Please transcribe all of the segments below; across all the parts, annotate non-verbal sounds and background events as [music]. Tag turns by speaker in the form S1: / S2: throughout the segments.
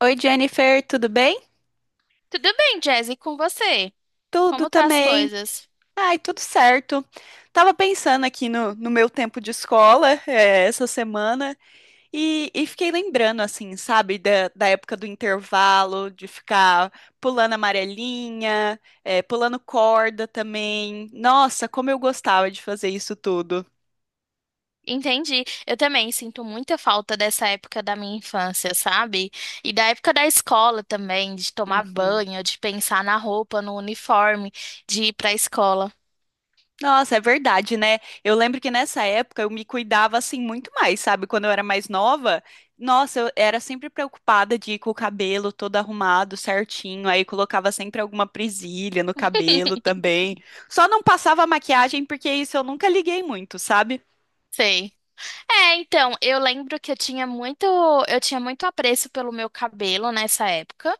S1: Oi, Jennifer, tudo bem?
S2: Tudo bem, Jazzy, com você?
S1: Tudo
S2: Como tá as
S1: também.
S2: coisas?
S1: Ai, tudo certo. Tava pensando aqui no meu tempo de escola, essa semana e fiquei lembrando, assim, sabe, da época do intervalo, de ficar pulando amarelinha, pulando corda também. Nossa, como eu gostava de fazer isso tudo.
S2: Entendi. Eu também sinto muita falta dessa época da minha infância, sabe? E da época da escola também, de tomar
S1: Uhum.
S2: banho, de pensar na roupa, no uniforme, de ir pra escola.
S1: Nossa, é verdade, né? Eu lembro que nessa época eu me cuidava assim muito mais, sabe? Quando eu era mais nova, nossa, eu era sempre preocupada de ir com o cabelo todo arrumado, certinho, aí colocava sempre alguma presilha no cabelo
S2: [laughs]
S1: também. Só não passava maquiagem porque isso eu nunca liguei muito, sabe?
S2: Sei. É, então, eu lembro que eu tinha muito apreço pelo meu cabelo nessa época.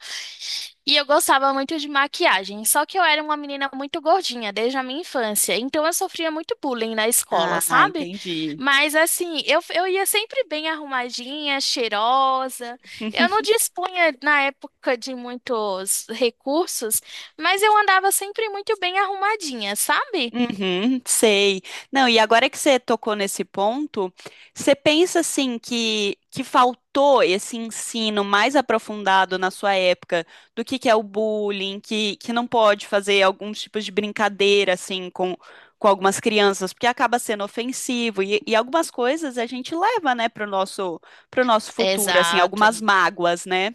S2: E eu gostava muito de maquiagem, só que eu era uma menina muito gordinha desde a minha infância, então eu sofria muito bullying na escola,
S1: Ah,
S2: sabe?
S1: entendi.
S2: Mas assim, eu ia sempre bem arrumadinha, cheirosa. Eu não
S1: [laughs]
S2: dispunha na época de muitos recursos, mas eu andava sempre muito bem arrumadinha, sabe?
S1: Uhum, sei. Não, e agora que você tocou nesse ponto, você pensa assim que faltou esse ensino mais aprofundado na sua época do que é o bullying, que não pode fazer alguns tipos de brincadeira assim com algumas crianças, porque acaba sendo ofensivo e algumas coisas a gente leva, né, pro nosso futuro, assim, algumas
S2: Exato.
S1: mágoas, né?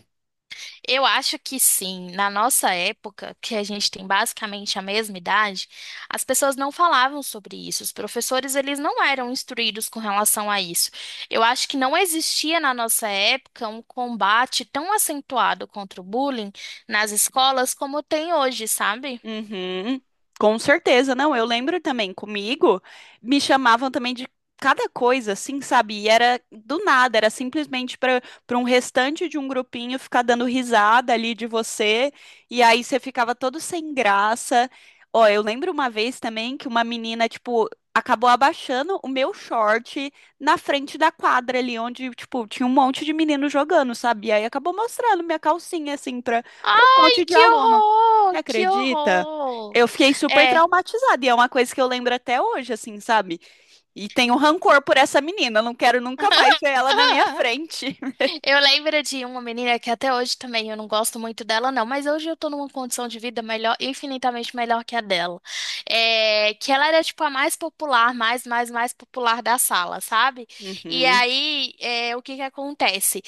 S2: Eu acho que sim. Na nossa época, que a gente tem basicamente a mesma idade, as pessoas não falavam sobre isso. Os professores, eles não eram instruídos com relação a isso. Eu acho que não existia na nossa época um combate tão acentuado contra o bullying nas escolas como tem hoje, sabe?
S1: Uhum, com certeza, não. Eu lembro também, comigo, me chamavam também de cada coisa, assim, sabe? E era do nada, era simplesmente para um restante de um grupinho ficar dando risada ali de você, e aí você ficava todo sem graça. Ó, eu lembro uma vez também que uma menina, tipo, acabou abaixando o meu short na frente da quadra ali, onde, tipo, tinha um monte de menino jogando, sabe? E aí acabou mostrando minha calcinha, assim, para um
S2: Ai,
S1: monte de
S2: que
S1: aluno. Você
S2: horror! Que
S1: acredita?
S2: horror!
S1: Eu fiquei super
S2: É.
S1: traumatizada e é uma coisa que eu lembro até hoje, assim, sabe? E tenho rancor por essa menina, eu não quero nunca mais ver ela na minha
S2: [laughs]
S1: frente. [laughs]
S2: Eu lembro de uma menina que até hoje também eu não gosto muito dela, não, mas hoje eu tô numa condição de vida melhor, infinitamente melhor que a dela. É, que ela era tipo a mais popular, mais popular da sala, sabe? E
S1: Uhum.
S2: aí, é, o que que acontece?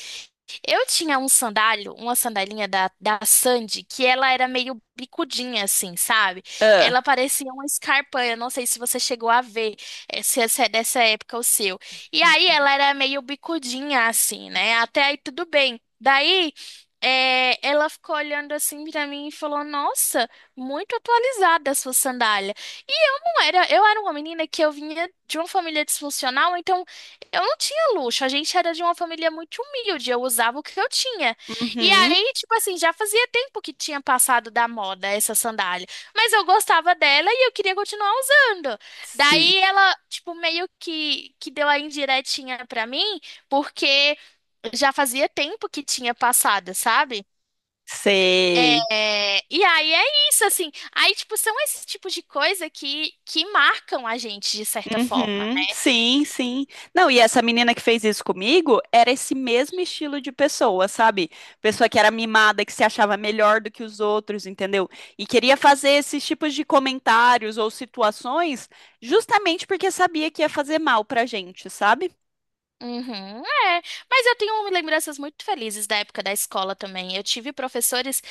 S2: Eu tinha um sandálio, uma sandalinha da Sandy, que ela era meio bicudinha, assim, sabe?
S1: Ah.
S2: Ela parecia uma escarpa, eu não sei se você chegou a ver, se essa é dessa época o seu. E aí
S1: Uhum.
S2: ela era meio bicudinha, assim, né? Até aí tudo bem. Daí, ela ficou olhando assim pra mim e falou: Nossa, muito atualizada a sua sandália. E eu não era, eu era uma menina que eu vinha de uma família disfuncional, então. Eu não tinha luxo, a gente era de uma família muito humilde, eu usava o que eu tinha. E
S1: Uhum.
S2: aí, tipo assim, já fazia tempo que tinha passado da moda essa sandália, mas eu gostava dela e eu queria continuar usando.
S1: Sim.
S2: Daí ela, tipo, meio que deu a indiretinha pra mim, porque já fazia tempo que tinha passado, sabe?
S1: Sei.
S2: É, e aí é isso, assim. Aí, tipo, são esses tipos de coisa que marcam a gente de certa forma.
S1: Uhum, sim, sim. Não, e essa menina que fez isso comigo era esse mesmo estilo de pessoa, sabe? Pessoa que era mimada, que se achava melhor do que os outros, entendeu? E queria fazer esses tipos de comentários ou situações justamente porque sabia que ia fazer mal pra gente, sabe?
S2: Uhum, é. Mas eu tenho lembranças muito felizes da época da escola também. Eu tive professores,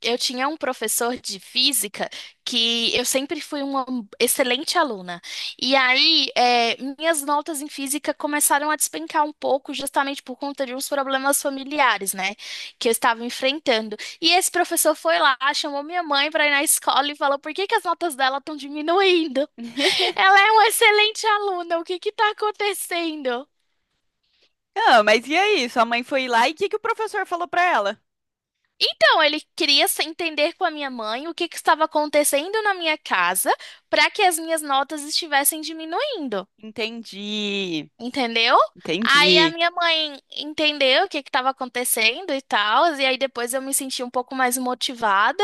S2: eu tinha um professor de física que eu sempre fui uma excelente aluna. E aí, é, minhas notas em física começaram a despencar um pouco, justamente por conta de uns problemas familiares, né, que eu estava enfrentando. E esse professor foi lá, chamou minha mãe para ir na escola e falou: Por que que as notas dela estão diminuindo? Ela
S1: [laughs]
S2: é uma excelente aluna, o que que está acontecendo?
S1: Ah, mas e aí? Sua mãe foi lá e o que que o professor falou pra ela?
S2: Então, ele queria se entender com a minha mãe o que que estava acontecendo na minha casa para que as minhas notas estivessem diminuindo.
S1: Entendi,
S2: Entendeu? Aí a
S1: entendi.
S2: minha mãe entendeu o que que estava acontecendo e tal, e aí depois eu me senti um pouco mais motivada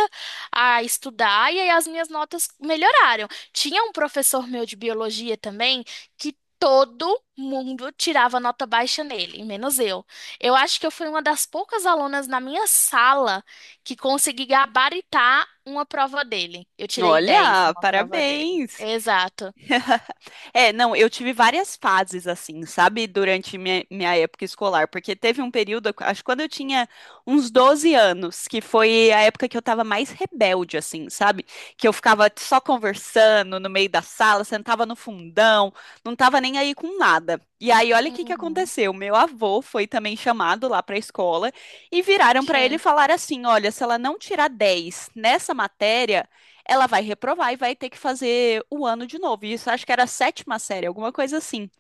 S2: a estudar, e aí as minhas notas melhoraram. Tinha um professor meu de biologia também que todo mundo tirava nota baixa nele, menos eu. Eu acho que eu fui uma das poucas alunas na minha sala que consegui gabaritar uma prova dele. Eu tirei 10
S1: Olha,
S2: numa prova dele.
S1: parabéns.
S2: Exato.
S1: [laughs] É, não, eu tive várias fases assim, sabe, durante minha época escolar, porque teve um período, acho que quando eu tinha uns 12 anos, que foi a época que eu tava mais rebelde, assim, sabe? Que eu ficava só conversando no meio da sala, sentava no fundão, não tava nem aí com nada. E aí, olha o que que
S2: Uhum.
S1: aconteceu. Meu avô foi também chamado lá pra escola e viraram pra ele e
S2: Sim.
S1: falaram assim: olha, se ela não tirar 10 nessa matéria ela vai reprovar e vai ter que fazer o ano de novo. Isso acho que era a sétima série, alguma coisa assim.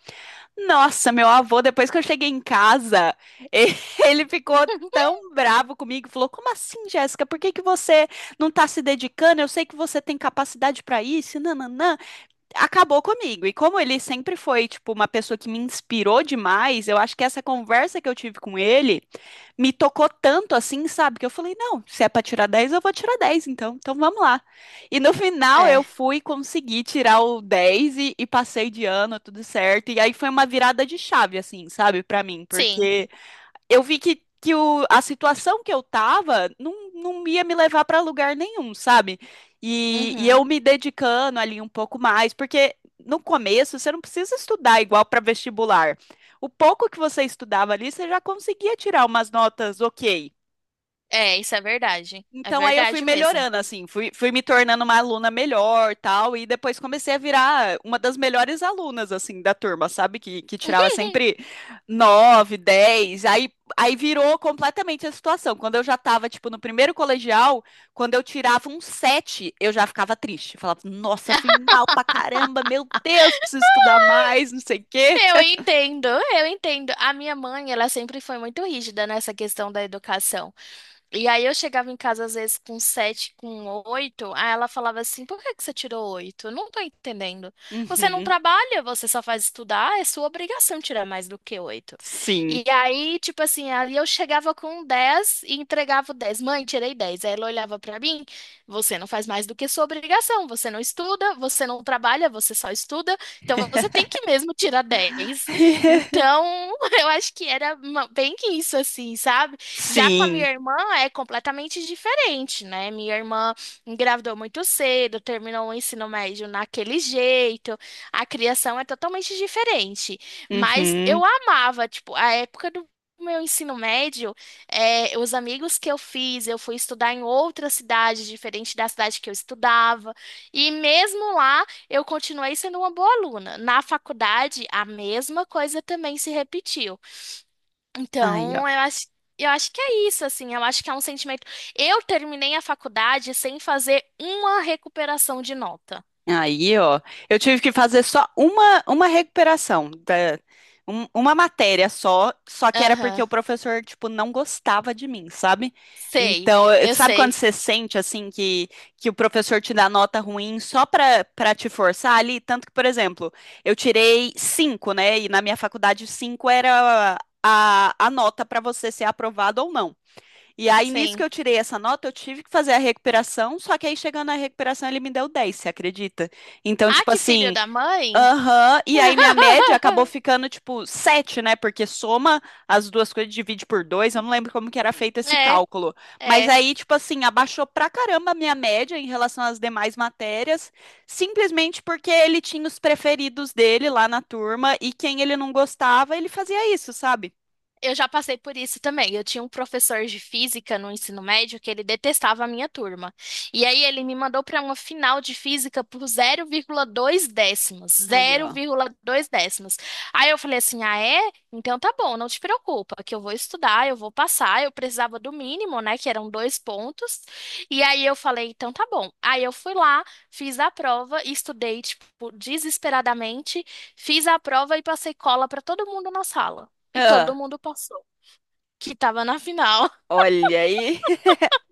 S1: Nossa, meu avô, depois que eu cheguei em casa, [laughs] ele ficou
S2: [laughs]
S1: tão bravo comigo, falou: "Como assim, Jéssica? Por que que você não tá se dedicando? Eu sei que você tem capacidade para isso, nananã" acabou comigo. E como ele sempre foi, tipo, uma pessoa que me inspirou demais, eu acho que essa conversa que eu tive com ele me tocou tanto assim, sabe? Que eu falei, não, se é pra tirar 10 eu vou tirar 10 então. Então vamos lá. E no final eu
S2: É.
S1: fui conseguir tirar o 10 e passei de ano, tudo certo. E aí foi uma virada de chave, assim, sabe, pra mim,
S2: Sim.
S1: porque eu vi que a situação que eu tava não ia me levar para lugar nenhum, sabe? E eu
S2: Uhum.
S1: me dedicando ali um pouco mais, porque no começo você não precisa estudar igual para vestibular. O pouco que você estudava ali, você já conseguia tirar umas notas ok.
S2: É, isso é verdade. É
S1: Então aí eu fui
S2: verdade mesmo.
S1: melhorando, assim, fui me tornando uma aluna melhor, tal, e depois comecei a virar uma das melhores alunas, assim, da turma, sabe? Que tirava sempre
S2: [laughs]
S1: nove, 10, aí virou completamente a situação. Quando eu já tava, tipo, no primeiro colegial, quando eu tirava um sete, eu já ficava triste. Falava, nossa, fui mal pra caramba, meu Deus, preciso estudar mais, não sei o quê.
S2: Eu entendo. A minha mãe, ela sempre foi muito rígida nessa questão da educação. E aí eu chegava em casa às vezes com sete, com oito, aí ela falava assim, por que que você tirou oito? Eu não tô entendendo. Você não
S1: Uhum,
S2: trabalha, você só faz estudar, é sua obrigação tirar mais do que oito.
S1: sim.
S2: E aí, tipo assim, ali eu chegava com dez e entregava o dez. Mãe, tirei dez. Aí ela olhava pra mim, você não faz mais do que sua obrigação, você não estuda, você não trabalha, você só estuda, então você tem que mesmo tirar dez.
S1: [laughs]
S2: Então, [laughs] eu acho que era uma- bem que isso assim, sabe? Já com a minha
S1: Sim.
S2: irmã é completamente diferente, né? Minha irmã engravidou muito cedo, terminou o ensino médio naquele jeito, a criação é totalmente diferente. Mas
S1: Uhum.
S2: eu amava, tipo, a época do meu ensino médio, é, os amigos que eu fiz, eu fui estudar em outra cidade, diferente da cidade que eu estudava, e mesmo lá eu continuei sendo uma boa aluna. Na faculdade, a mesma coisa também se repetiu.
S1: Aí,
S2: Então,
S1: ó.
S2: eu acho que é isso, assim, eu acho que é um sentimento. Eu terminei a faculdade sem fazer uma recuperação de nota.
S1: Aí, ó, eu tive que fazer só uma recuperação uma matéria só, só que era porque
S2: Aham.
S1: o professor, tipo, não gostava de mim, sabe?
S2: Sei,
S1: Então,
S2: eu
S1: sabe quando
S2: sei,
S1: você sente, assim, que o, professor te dá nota ruim só pra te forçar ali? Tanto que, por exemplo, eu tirei cinco, né? E na minha faculdade, cinco era a nota pra você ser aprovado ou não. E aí, nisso que
S2: sim.
S1: eu tirei essa nota, eu tive que fazer a recuperação, só que aí chegando na recuperação ele me deu 10, você acredita? Então,
S2: Ah,
S1: tipo
S2: que filho
S1: assim,
S2: da mãe?
S1: aham, e aí minha média acabou
S2: [laughs]
S1: ficando tipo 7, né? Porque soma as duas coisas, divide por 2. Eu não lembro como que era feito esse
S2: É,
S1: cálculo. Mas
S2: é.
S1: aí, tipo assim, abaixou pra caramba a minha média em relação às demais matérias, simplesmente porque ele tinha os preferidos dele lá na turma e quem ele não gostava, ele fazia isso, sabe?
S2: Eu já passei por isso também. Eu tinha um professor de física no ensino médio que ele detestava a minha turma. E aí ele me mandou para uma final de física por 0,2 décimos.
S1: Aí, ó.
S2: 0,2 décimos. Aí eu falei assim: ah, é? Então tá bom, não te preocupa, que eu vou estudar, eu vou passar. Eu precisava do mínimo, né? Que eram 2 pontos. E aí eu falei: então tá bom. Aí eu fui lá, fiz a prova, estudei, tipo, desesperadamente, fiz a prova e passei cola para todo mundo na sala. E todo
S1: Ah,
S2: mundo passou. Que tava na final. [laughs]
S1: olha aí. [laughs]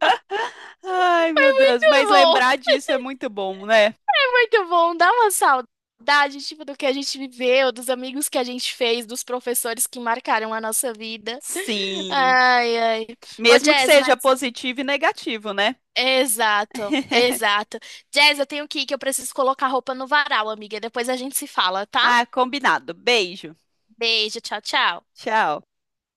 S1: Ai, meu Deus,
S2: Muito
S1: mas
S2: bom,
S1: lembrar disso é muito bom, né?
S2: muito bom. Dá uma saudade, tipo, do que a gente viveu, dos amigos que a gente fez, dos professores que marcaram a nossa vida.
S1: Sim,
S2: Ai, ai. Ô,
S1: mesmo que
S2: Jazz,
S1: seja
S2: mas...
S1: positivo e negativo, né?
S2: Exato, exato. Jazz, eu tenho que ir, que eu preciso colocar roupa no varal, amiga. Depois a gente se fala, tá?
S1: Ah, combinado. Beijo.
S2: Beijo, tchau, tchau.
S1: Tchau.